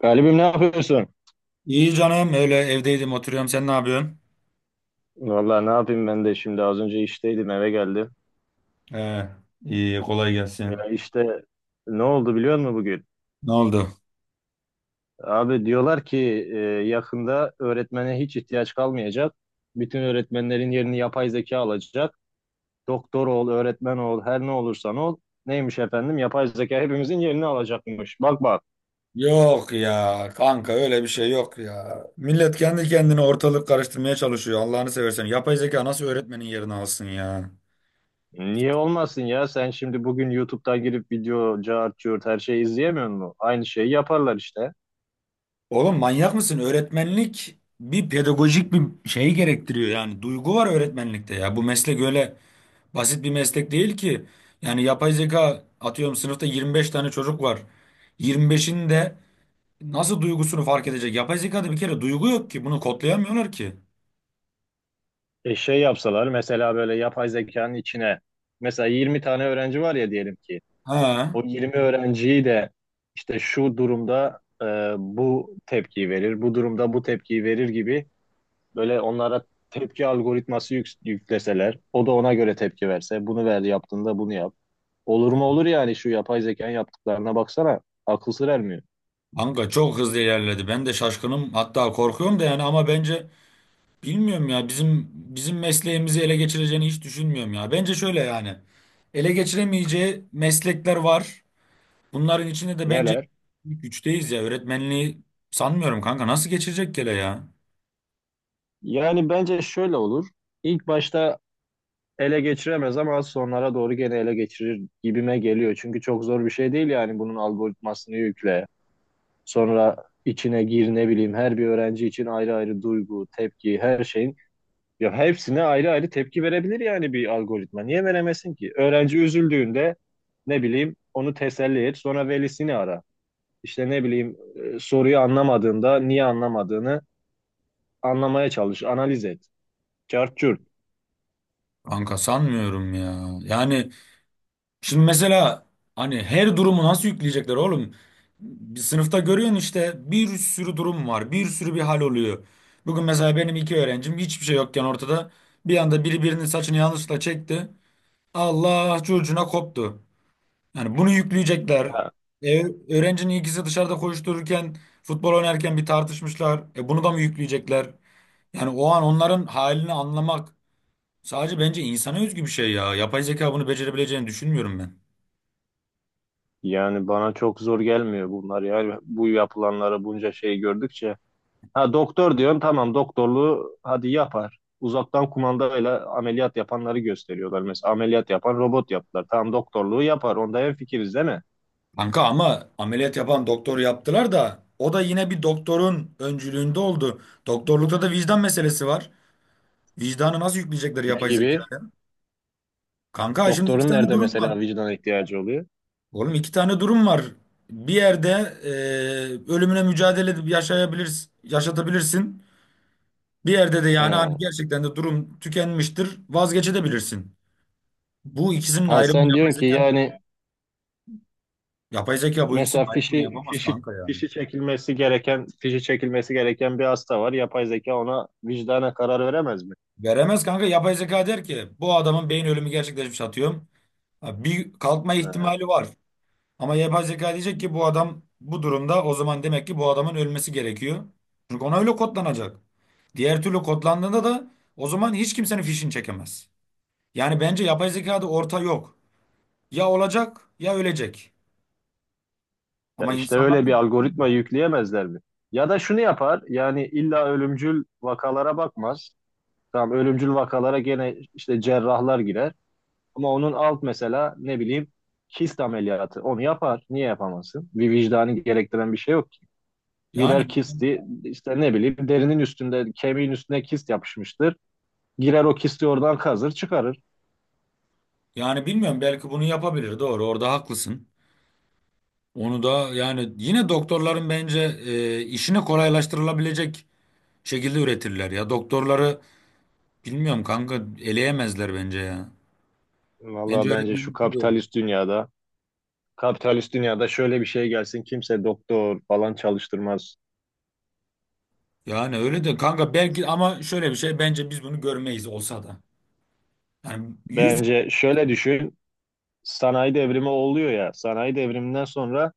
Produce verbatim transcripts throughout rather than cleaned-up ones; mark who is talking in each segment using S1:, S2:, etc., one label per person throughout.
S1: Galibim, ne yapıyorsun?
S2: İyi canım öyle evdeydim oturuyorum, sen ne yapıyorsun?
S1: Vallahi ne yapayım, ben de şimdi az önce işteydim, eve geldim.
S2: He, iyi kolay
S1: Ya
S2: gelsin.
S1: işte, ne oldu biliyor musun bugün?
S2: Ne oldu?
S1: Abi diyorlar ki e, yakında öğretmene hiç ihtiyaç kalmayacak. Bütün öğretmenlerin yerini yapay zeka alacak. Doktor ol, öğretmen ol, her ne olursan ol. Neymiş efendim? Yapay zeka hepimizin yerini alacakmış. Bak bak.
S2: Yok ya kanka, öyle bir şey yok ya. Millet kendi kendine ortalık karıştırmaya çalışıyor. Allah'ını seversen, yapay zeka nasıl öğretmenin yerini alsın ya?
S1: Niye olmasın ya? Sen şimdi bugün YouTube'dan girip video, cart, curt her şeyi izleyemiyor musun? Aynı şeyi yaparlar işte.
S2: Oğlum, manyak mısın? Öğretmenlik bir pedagojik bir şey gerektiriyor, yani duygu var öğretmenlikte ya. Bu meslek öyle basit bir meslek değil ki. Yani yapay zeka, atıyorum, sınıfta yirmi beş tane çocuk var. yirmi beşin de Nasıl duygusunu fark edecek? Yapay zekada bir kere duygu yok ki. Bunu kodlayamıyorlar ki.
S1: E şey yapsalar mesela, böyle yapay zekanın içine, mesela yirmi tane öğrenci var ya, diyelim ki
S2: He.
S1: o yirmi öğrenciyi de işte şu durumda e, bu tepkiyi verir, bu durumda bu tepkiyi verir gibi, böyle onlara tepki algoritması yük- yükleseler, o da ona göre tepki verse, bunu ver yaptığında bunu yap. Olur mu olur yani, şu yapay zekanın yaptıklarına baksana, akıl sır ermiyor.
S2: Kanka çok hızlı ilerledi. Ben de şaşkınım. Hatta korkuyorum da yani, ama bence bilmiyorum ya. Bizim bizim mesleğimizi ele geçireceğini hiç düşünmüyorum ya. Bence şöyle yani. Ele geçiremeyeceği meslekler var. Bunların içinde de bence
S1: Neler?
S2: ilk üçteyiz ya. Öğretmenliği sanmıyorum kanka. Nasıl geçirecek gele ya?
S1: Yani bence şöyle olur. İlk başta ele geçiremez ama az sonlara doğru gene ele geçirir gibime geliyor. Çünkü çok zor bir şey değil yani, bunun algoritmasını yükle. Sonra içine gir, ne bileyim, her bir öğrenci için ayrı ayrı duygu, tepki, her şeyin, ya hepsine ayrı ayrı tepki verebilir yani bir algoritma. Niye veremesin ki? Öğrenci üzüldüğünde, ne bileyim, onu teselli et, sonra velisini ara. İşte ne bileyim, e, soruyu anlamadığında niye anlamadığını anlamaya çalış, analiz et. Çarçur.
S2: Kanka sanmıyorum ya. Yani Şimdi mesela, hani her durumu nasıl yükleyecekler oğlum? Bir sınıfta görüyorsun, işte bir sürü durum var. Bir sürü bir hal oluyor. Bugün mesela benim iki öğrencim hiçbir şey yokken ortada, bir anda biri birinin saçını yanlışlıkla çekti. Allah çocuğuna koptu. Yani bunu yükleyecekler. E, Öğrencinin ikisi dışarıda koştururken, futbol oynarken bir tartışmışlar. E, bunu da mı yükleyecekler? Yani o an onların halini anlamak, sadece bence insana özgü bir şey ya. Yapay zeka bunu becerebileceğini düşünmüyorum ben.
S1: Yani bana çok zor gelmiyor bunlar ya. Bu yapılanlara, bunca şey gördükçe. Ha, doktor diyorsun, tamam, doktorluğu hadi yapar. Uzaktan kumandayla ameliyat yapanları gösteriyorlar. Mesela ameliyat yapan robot yaptılar. Tamam, doktorluğu yapar. Onda hemfikiriz, değil mi?
S2: Kanka, ama ameliyat yapan doktor yaptılar da, o da yine bir doktorun öncülüğünde oldu. Doktorlukta da vicdan meselesi var. Vicdanı nasıl yükleyecekler
S1: Ne
S2: yapay
S1: gibi?
S2: zekaya? Kanka şimdi iki
S1: Doktorun
S2: tane
S1: nerede
S2: durum var.
S1: mesela vicdan ihtiyacı oluyor?
S2: Oğlum, iki tane durum var. Bir yerde e, ölümüne mücadele edip yaşayabilirsin, yaşatabilirsin. Bir yerde de yani,
S1: He.
S2: hani, gerçekten de durum tükenmiştir, vazgeçebilirsin. Bu ikisinin
S1: Ha,
S2: ayrımını
S1: sen
S2: yapay
S1: diyorsun ki
S2: zeka,
S1: yani
S2: yapay zeka bu
S1: mesela
S2: ikisinin ayrımını
S1: fişi
S2: yapamaz
S1: fişi
S2: kanka ya.
S1: fişi çekilmesi gereken fişi çekilmesi gereken bir hasta var. Yapay zeka ona vicdana karar veremez mi?
S2: Veremez kanka, yapay zeka der ki bu adamın beyin ölümü gerçekleşmiş atıyorum. Ha, bir kalkma
S1: He.
S2: ihtimali var. Ama yapay zeka diyecek ki bu adam bu durumda, o zaman demek ki bu adamın ölmesi gerekiyor. Çünkü ona öyle kodlanacak. Diğer türlü kodlandığında da, o zaman hiç kimsenin fişini çekemez. Yani bence yapay zekada orta yok. Ya olacak, ya ölecek.
S1: Ya
S2: Ama
S1: işte
S2: insanlar
S1: öyle
S2: da
S1: bir algoritma yükleyemezler mi? Ya da şunu yapar yani, illa ölümcül vakalara bakmaz. Tamam, ölümcül vakalara gene işte cerrahlar girer. Ama onun alt, mesela ne bileyim, kist ameliyatı. Onu yapar. Niye yapamazsın? Bir vicdanı gerektiren bir şey yok ki. Girer
S2: yani
S1: kisti, işte ne bileyim, derinin üstünde, kemiğin üstüne kist yapışmıştır. Girer o kisti oradan kazır, çıkarır.
S2: yani bilmiyorum, belki bunu yapabilir, doğru, orada haklısın. Onu da yani yine doktorların bence e, işini kolaylaştırılabilecek şekilde üretirler ya. Doktorları bilmiyorum kanka, eleyemezler bence ya.
S1: Vallahi
S2: Bence
S1: bence şu
S2: öğretmenlik de öyle.
S1: kapitalist dünyada, kapitalist dünyada şöyle bir şey gelsin, kimse doktor falan çalıştırmaz.
S2: Yani öyle de kanka, belki, ama şöyle bir şey, bence biz bunu görmeyiz olsa da. Yani yüz.
S1: Bence şöyle düşün, sanayi devrimi oluyor ya, sanayi devriminden sonra,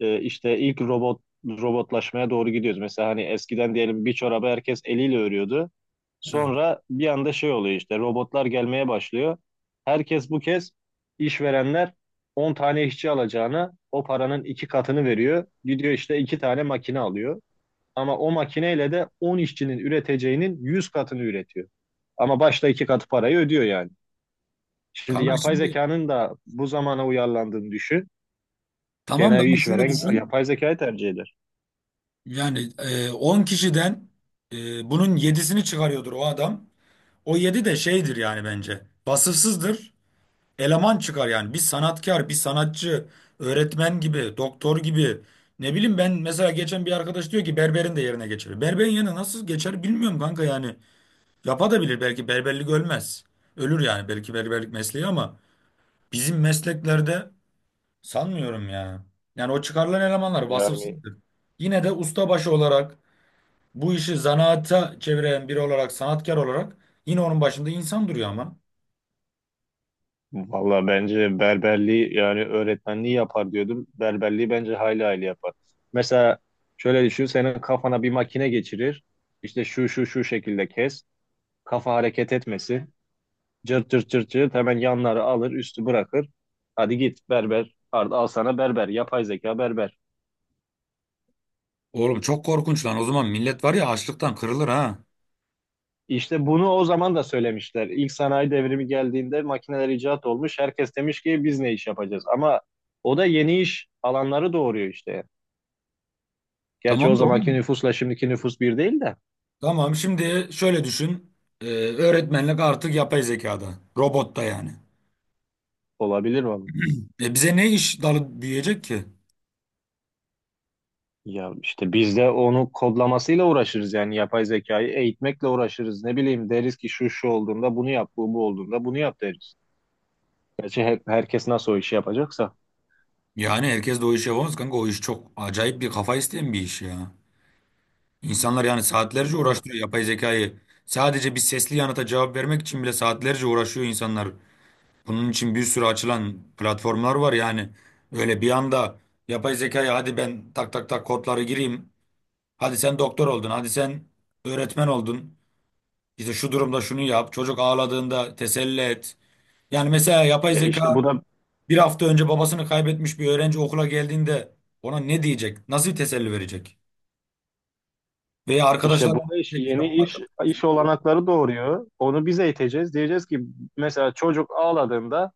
S1: e, işte ilk robot robotlaşmaya doğru gidiyoruz. Mesela hani eskiden diyelim bir çorabı herkes eliyle örüyordu.
S2: Evet.
S1: Sonra bir anda şey oluyor, işte robotlar gelmeye başlıyor. Herkes bu kez, işverenler, on tane işçi alacağına o paranın iki katını veriyor. Gidiyor işte iki tane makine alıyor. Ama o makineyle de on işçinin üreteceğinin yüz katını üretiyor. Ama başta iki katı parayı ödüyor yani. Şimdi
S2: Kanka
S1: yapay
S2: şimdi
S1: zekanın da bu zamana uyarlandığını düşün.
S2: tamam
S1: Genel
S2: da,
S1: bir
S2: ama şöyle
S1: işveren
S2: düşün.
S1: yapay zekayı tercih eder.
S2: Yani e, on kişiden e, bunun yedisini çıkarıyordur o adam. O yedi de şeydir yani bence. Vasıfsızdır. Eleman çıkar yani. Bir sanatkar, bir sanatçı, öğretmen gibi, doktor gibi. Ne bileyim, ben mesela geçen bir arkadaş diyor ki berberin de yerine geçer. Berberin yerine nasıl geçer bilmiyorum kanka yani. Yapabilir belki, berberlik ölmez. Ölür yani belki berberlik mesleği, ama bizim mesleklerde sanmıyorum ya. Yani o çıkarılan elemanlar
S1: Yani
S2: vasıfsızdır. Yine de ustabaşı olarak, bu işi zanaata çeviren biri olarak, sanatkar olarak, yine onun başında insan duruyor ama.
S1: valla bence berberliği, yani öğretmenliği yapar diyordum. Berberliği bence hayli hayli yapar. Mesela şöyle düşün, senin kafana bir makine geçirir. İşte şu şu şu şekilde kes. Kafa hareket etmesin. Cırt cırt cırt cırt hemen yanları alır, üstü bırakır. Hadi git berber. Al al sana berber. Yapay zeka berber.
S2: Oğlum, çok korkunç lan. O zaman millet var ya, açlıktan kırılır ha.
S1: İşte bunu o zaman da söylemişler. İlk sanayi devrimi geldiğinde makineler icat olmuş. Herkes demiş ki biz ne iş yapacağız? Ama o da yeni iş alanları doğuruyor işte. Gerçi o
S2: Tamam da
S1: zamanki
S2: oğlum.
S1: nüfusla şimdiki nüfus bir değil de.
S2: Tamam, şimdi şöyle düşün. Ee, öğretmenlik artık yapay zekada. Robotta yani.
S1: Olabilir vallahi.
S2: E, bize ne iş dalı büyüyecek ki?
S1: Ya işte biz de onu kodlamasıyla uğraşırız yani, yapay zekayı eğitmekle uğraşırız. Ne bileyim, deriz ki şu şu olduğunda bunu yap, bu bu olduğunda bunu yap deriz. Gerçi hep herkes nasıl o işi yapacaksa.
S2: Yani herkes de o işi yapamaz kanka. O iş çok acayip bir kafa isteyen bir iş ya. İnsanlar yani
S1: Ya
S2: saatlerce
S1: bana,
S2: uğraştırıyor yapay zekayı. Sadece bir sesli yanıta cevap vermek için bile saatlerce uğraşıyor insanlar. Bunun için bir sürü açılan platformlar var yani. Öyle bir anda yapay zekaya, hadi ben tak tak tak kodları gireyim. Hadi sen doktor oldun. Hadi sen öğretmen oldun. İşte şu durumda şunu yap. Çocuk ağladığında teselli et. Yani mesela yapay
S1: ya işte
S2: zeka,
S1: bu da
S2: bir hafta önce babasını kaybetmiş bir öğrenci okula geldiğinde ona ne diyecek? Nasıl bir teselli verecek? Veya
S1: İşte
S2: arkadaşlar,
S1: bu da işte
S2: işte
S1: yeni
S2: bu
S1: iş
S2: arkadaşımız
S1: iş
S2: bir durum.
S1: olanakları doğuruyor. Onu biz eğiteceğiz. Diyeceğiz ki mesela çocuk ağladığında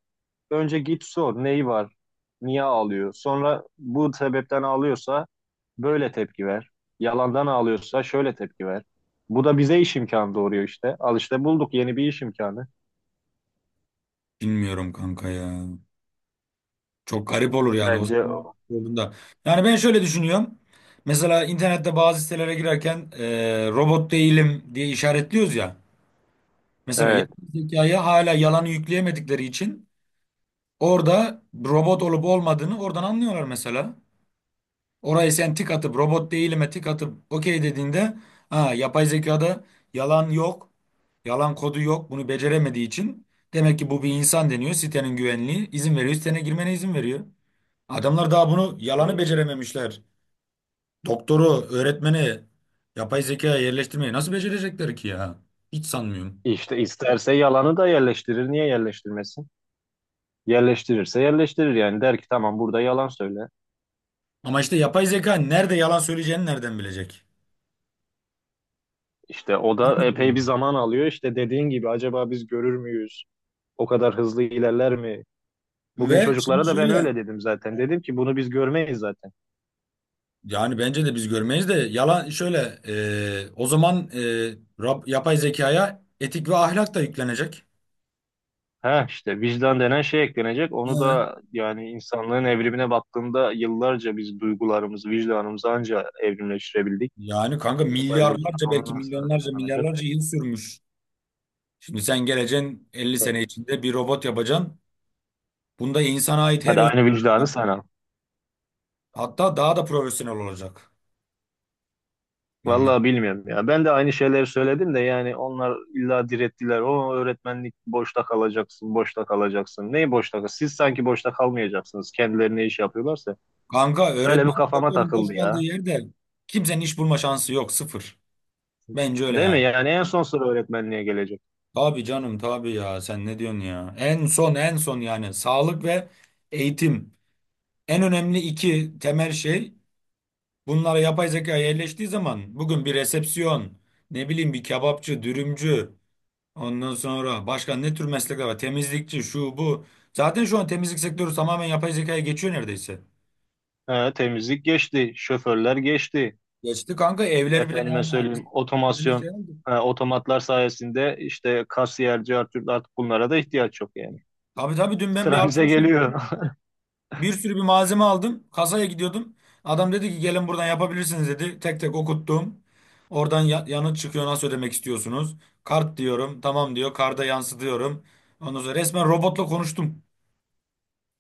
S1: önce git sor neyi var, niye ağlıyor. Sonra bu sebepten ağlıyorsa böyle tepki ver. Yalandan ağlıyorsa şöyle tepki ver. Bu da bize iş imkanı doğuruyor işte. Al işte, bulduk yeni bir iş imkanı.
S2: Bilmiyorum kanka ya. Çok garip olur yani, o
S1: Bence o.
S2: olduğunda. Yani ben şöyle düşünüyorum. Mesela internette bazı sitelere girerken e, robot değilim diye işaretliyoruz ya. Mesela
S1: Evet.
S2: yapay zekaya hala yalanı yükleyemedikleri için Orada robot olup olmadığını oradan anlıyorlar mesela. Orayı sen tik atıp, robot değilime tik atıp okey dediğinde, ha, yapay zekada yalan yok. Yalan kodu yok. Bunu beceremediği için demek ki bu bir insan deniyor. Sitenin güvenliği izin veriyor. Sitene girmene izin veriyor. Adamlar daha bunu, yalanı
S1: E,
S2: becerememişler. Doktoru, öğretmeni yapay zekaya yerleştirmeyi nasıl becerecekler ki ya? Hiç sanmıyorum.
S1: İşte isterse yalanı da yerleştirir. Niye yerleştirmesin? Yerleştirirse yerleştirir yani. Der ki tamam, burada yalan söyle.
S2: Ama işte yapay zeka nerede yalan söyleyeceğini nereden bilecek?
S1: İşte o da
S2: Hangi
S1: epey bir
S2: durumda?
S1: zaman alıyor. İşte dediğin gibi, acaba biz görür müyüz? O kadar hızlı ilerler mi? Bugün
S2: Ve
S1: çocuklara
S2: şimdi
S1: da ben
S2: şöyle
S1: öyle dedim zaten. Dedim ki bunu biz görmeyiz zaten.
S2: Yani bence de biz görmeyiz, de yalan şöyle, e, o zaman e, rab- yapay zekaya etik ve ahlak da yüklenecek.
S1: Ha işte, vicdan denen şey eklenecek. Onu
S2: Hı.
S1: da yani, insanlığın evrimine baktığında, yıllarca biz duygularımızı, vicdanımızı anca evrimleştirebildik.
S2: Yani kanka
S1: Yapay zeka
S2: milyarlarca, belki
S1: onu nasıl
S2: milyonlarca,
S1: tanımlayacak?
S2: milyarlarca yıl sürmüş. Şimdi sen geleceksin, elli sene içinde bir robot yapacaksın. Bunda insana ait her
S1: Hadi aynı
S2: özellik
S1: vicdanı
S2: var,
S1: sana.
S2: hatta daha da profesyonel olacak. Bilmiyorum.
S1: Vallahi bilmiyorum ya. Ben de aynı şeyleri söyledim de yani onlar illa direttiler. O öğretmenlik boşta kalacaksın, boşta kalacaksın. Neyi boşta kal? Siz sanki boşta kalmayacaksınız. Kendileri ne iş yapıyorlarsa.
S2: Kanka,
S1: Öyle
S2: öğretmen
S1: bir kafama
S2: doktorun boş
S1: takıldı
S2: kaldığı
S1: ya.
S2: yerde kimsenin iş bulma şansı yok, sıfır. Bence öyle
S1: Değil mi?
S2: yani.
S1: Yani en son sıra öğretmenliğe gelecek.
S2: Tabii canım, tabii ya, sen ne diyorsun ya? En son, en son yani, sağlık ve eğitim. En önemli iki temel şey, bunlara yapay zeka yerleştiği zaman, bugün bir resepsiyon, ne bileyim, bir kebapçı, dürümcü, ondan sonra başka ne tür meslekler var? Temizlikçi, şu bu. Zaten şu an temizlik sektörü tamamen yapay zekaya geçiyor neredeyse.
S1: He, temizlik geçti, şoförler geçti.
S2: Geçti kanka, evler bile
S1: Efendime
S2: yani. Biz
S1: söyleyeyim,
S2: kendime
S1: otomasyon,
S2: şey aldık.
S1: he, otomatlar sayesinde işte kasiyer, cartürt, artık bunlara da ihtiyaç yok yani.
S2: Tabii tabii, dün ben bir
S1: Sıra bize
S2: alışverişe.
S1: geliyor.
S2: Bir sürü bir malzeme aldım. Kasaya gidiyordum. Adam dedi ki gelin buradan yapabilirsiniz dedi. Tek tek okuttum. Oradan ya- yanıt çıkıyor, nasıl ödemek istiyorsunuz? Kart diyorum. Tamam diyor. Karda yansıtıyorum. Ondan sonra resmen robotla konuştum.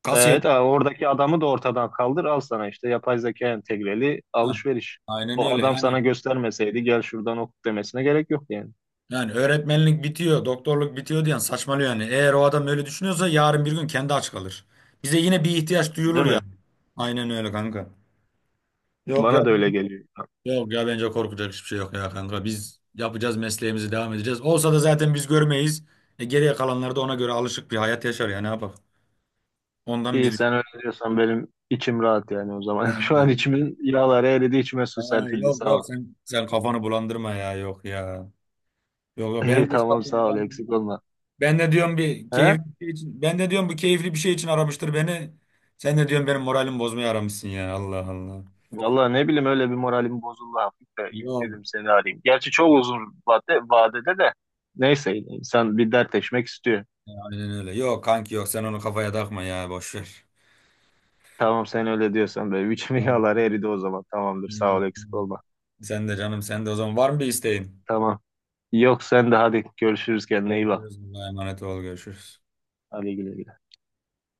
S2: Kasiyer.
S1: Evet, abi, oradaki adamı da ortadan kaldır, al sana işte yapay zeka entegreli
S2: Ha,
S1: alışveriş.
S2: aynen
S1: O
S2: öyle
S1: adam sana
S2: yani.
S1: göstermeseydi gel şuradan oku demesine gerek yok yani.
S2: Yani öğretmenlik bitiyor, doktorluk bitiyor diyen saçmalıyor yani. Eğer o adam öyle düşünüyorsa, yarın bir gün kendi aç kalır. Bize yine bir ihtiyaç
S1: Değil
S2: duyulur ya.
S1: mi?
S2: Aynen öyle kanka. Yok.
S1: Bana da öyle geliyor.
S2: Yok ya, bence korkacak hiçbir şey yok ya kanka. Biz yapacağız, mesleğimizi devam edeceğiz. Olsa da zaten biz görmeyiz. E, geriye kalanlar da ona göre alışık bir hayat yaşar ya, ne yapalım. Ondan
S1: İyi,
S2: biz.
S1: sen öyle diyorsan benim içim rahat yani o zaman. Şu an
S2: He,
S1: içimin yağları eridi, içime
S2: he,
S1: su serpildi,
S2: yok
S1: sağ ol.
S2: yok, sen sen kafanı bulandırma ya, yok ya. Yok yok,
S1: İyi,
S2: benim de hiç
S1: tamam,
S2: kafamı
S1: sağ ol,
S2: bulandırma.
S1: eksik olma.
S2: Ben de diyorum bir
S1: He?
S2: keyifli bir şey için ben de diyorum bu keyifli bir şey için aramıştır beni. Sen de diyorum, benim moralimi bozmaya aramışsın ya, Allah Allah.
S1: Vallahi ne bileyim, öyle bir moralim bozuldu hafif de, ilk
S2: Yok,
S1: dedim seni arayayım. Gerçi çok uzun vade, vadede de, neyse, insan bir dertleşmek istiyor.
S2: aynen öyle. Yok kanki, yok, sen onu kafaya takma ya, boş ver.
S1: Tamam, sen öyle diyorsan da üç yağlar eridi o zaman. Tamamdır, sağ ol,
S2: Eyvallah.
S1: eksik olma.
S2: Sen de canım, sen de, o zaman var mı bir isteğin?
S1: Tamam. Yok, sen de hadi, görüşürüz, kendine iyi bak.
S2: Görüşürüz. Allah'a emanet ol. Görüşürüz.
S1: Hadi güle güle.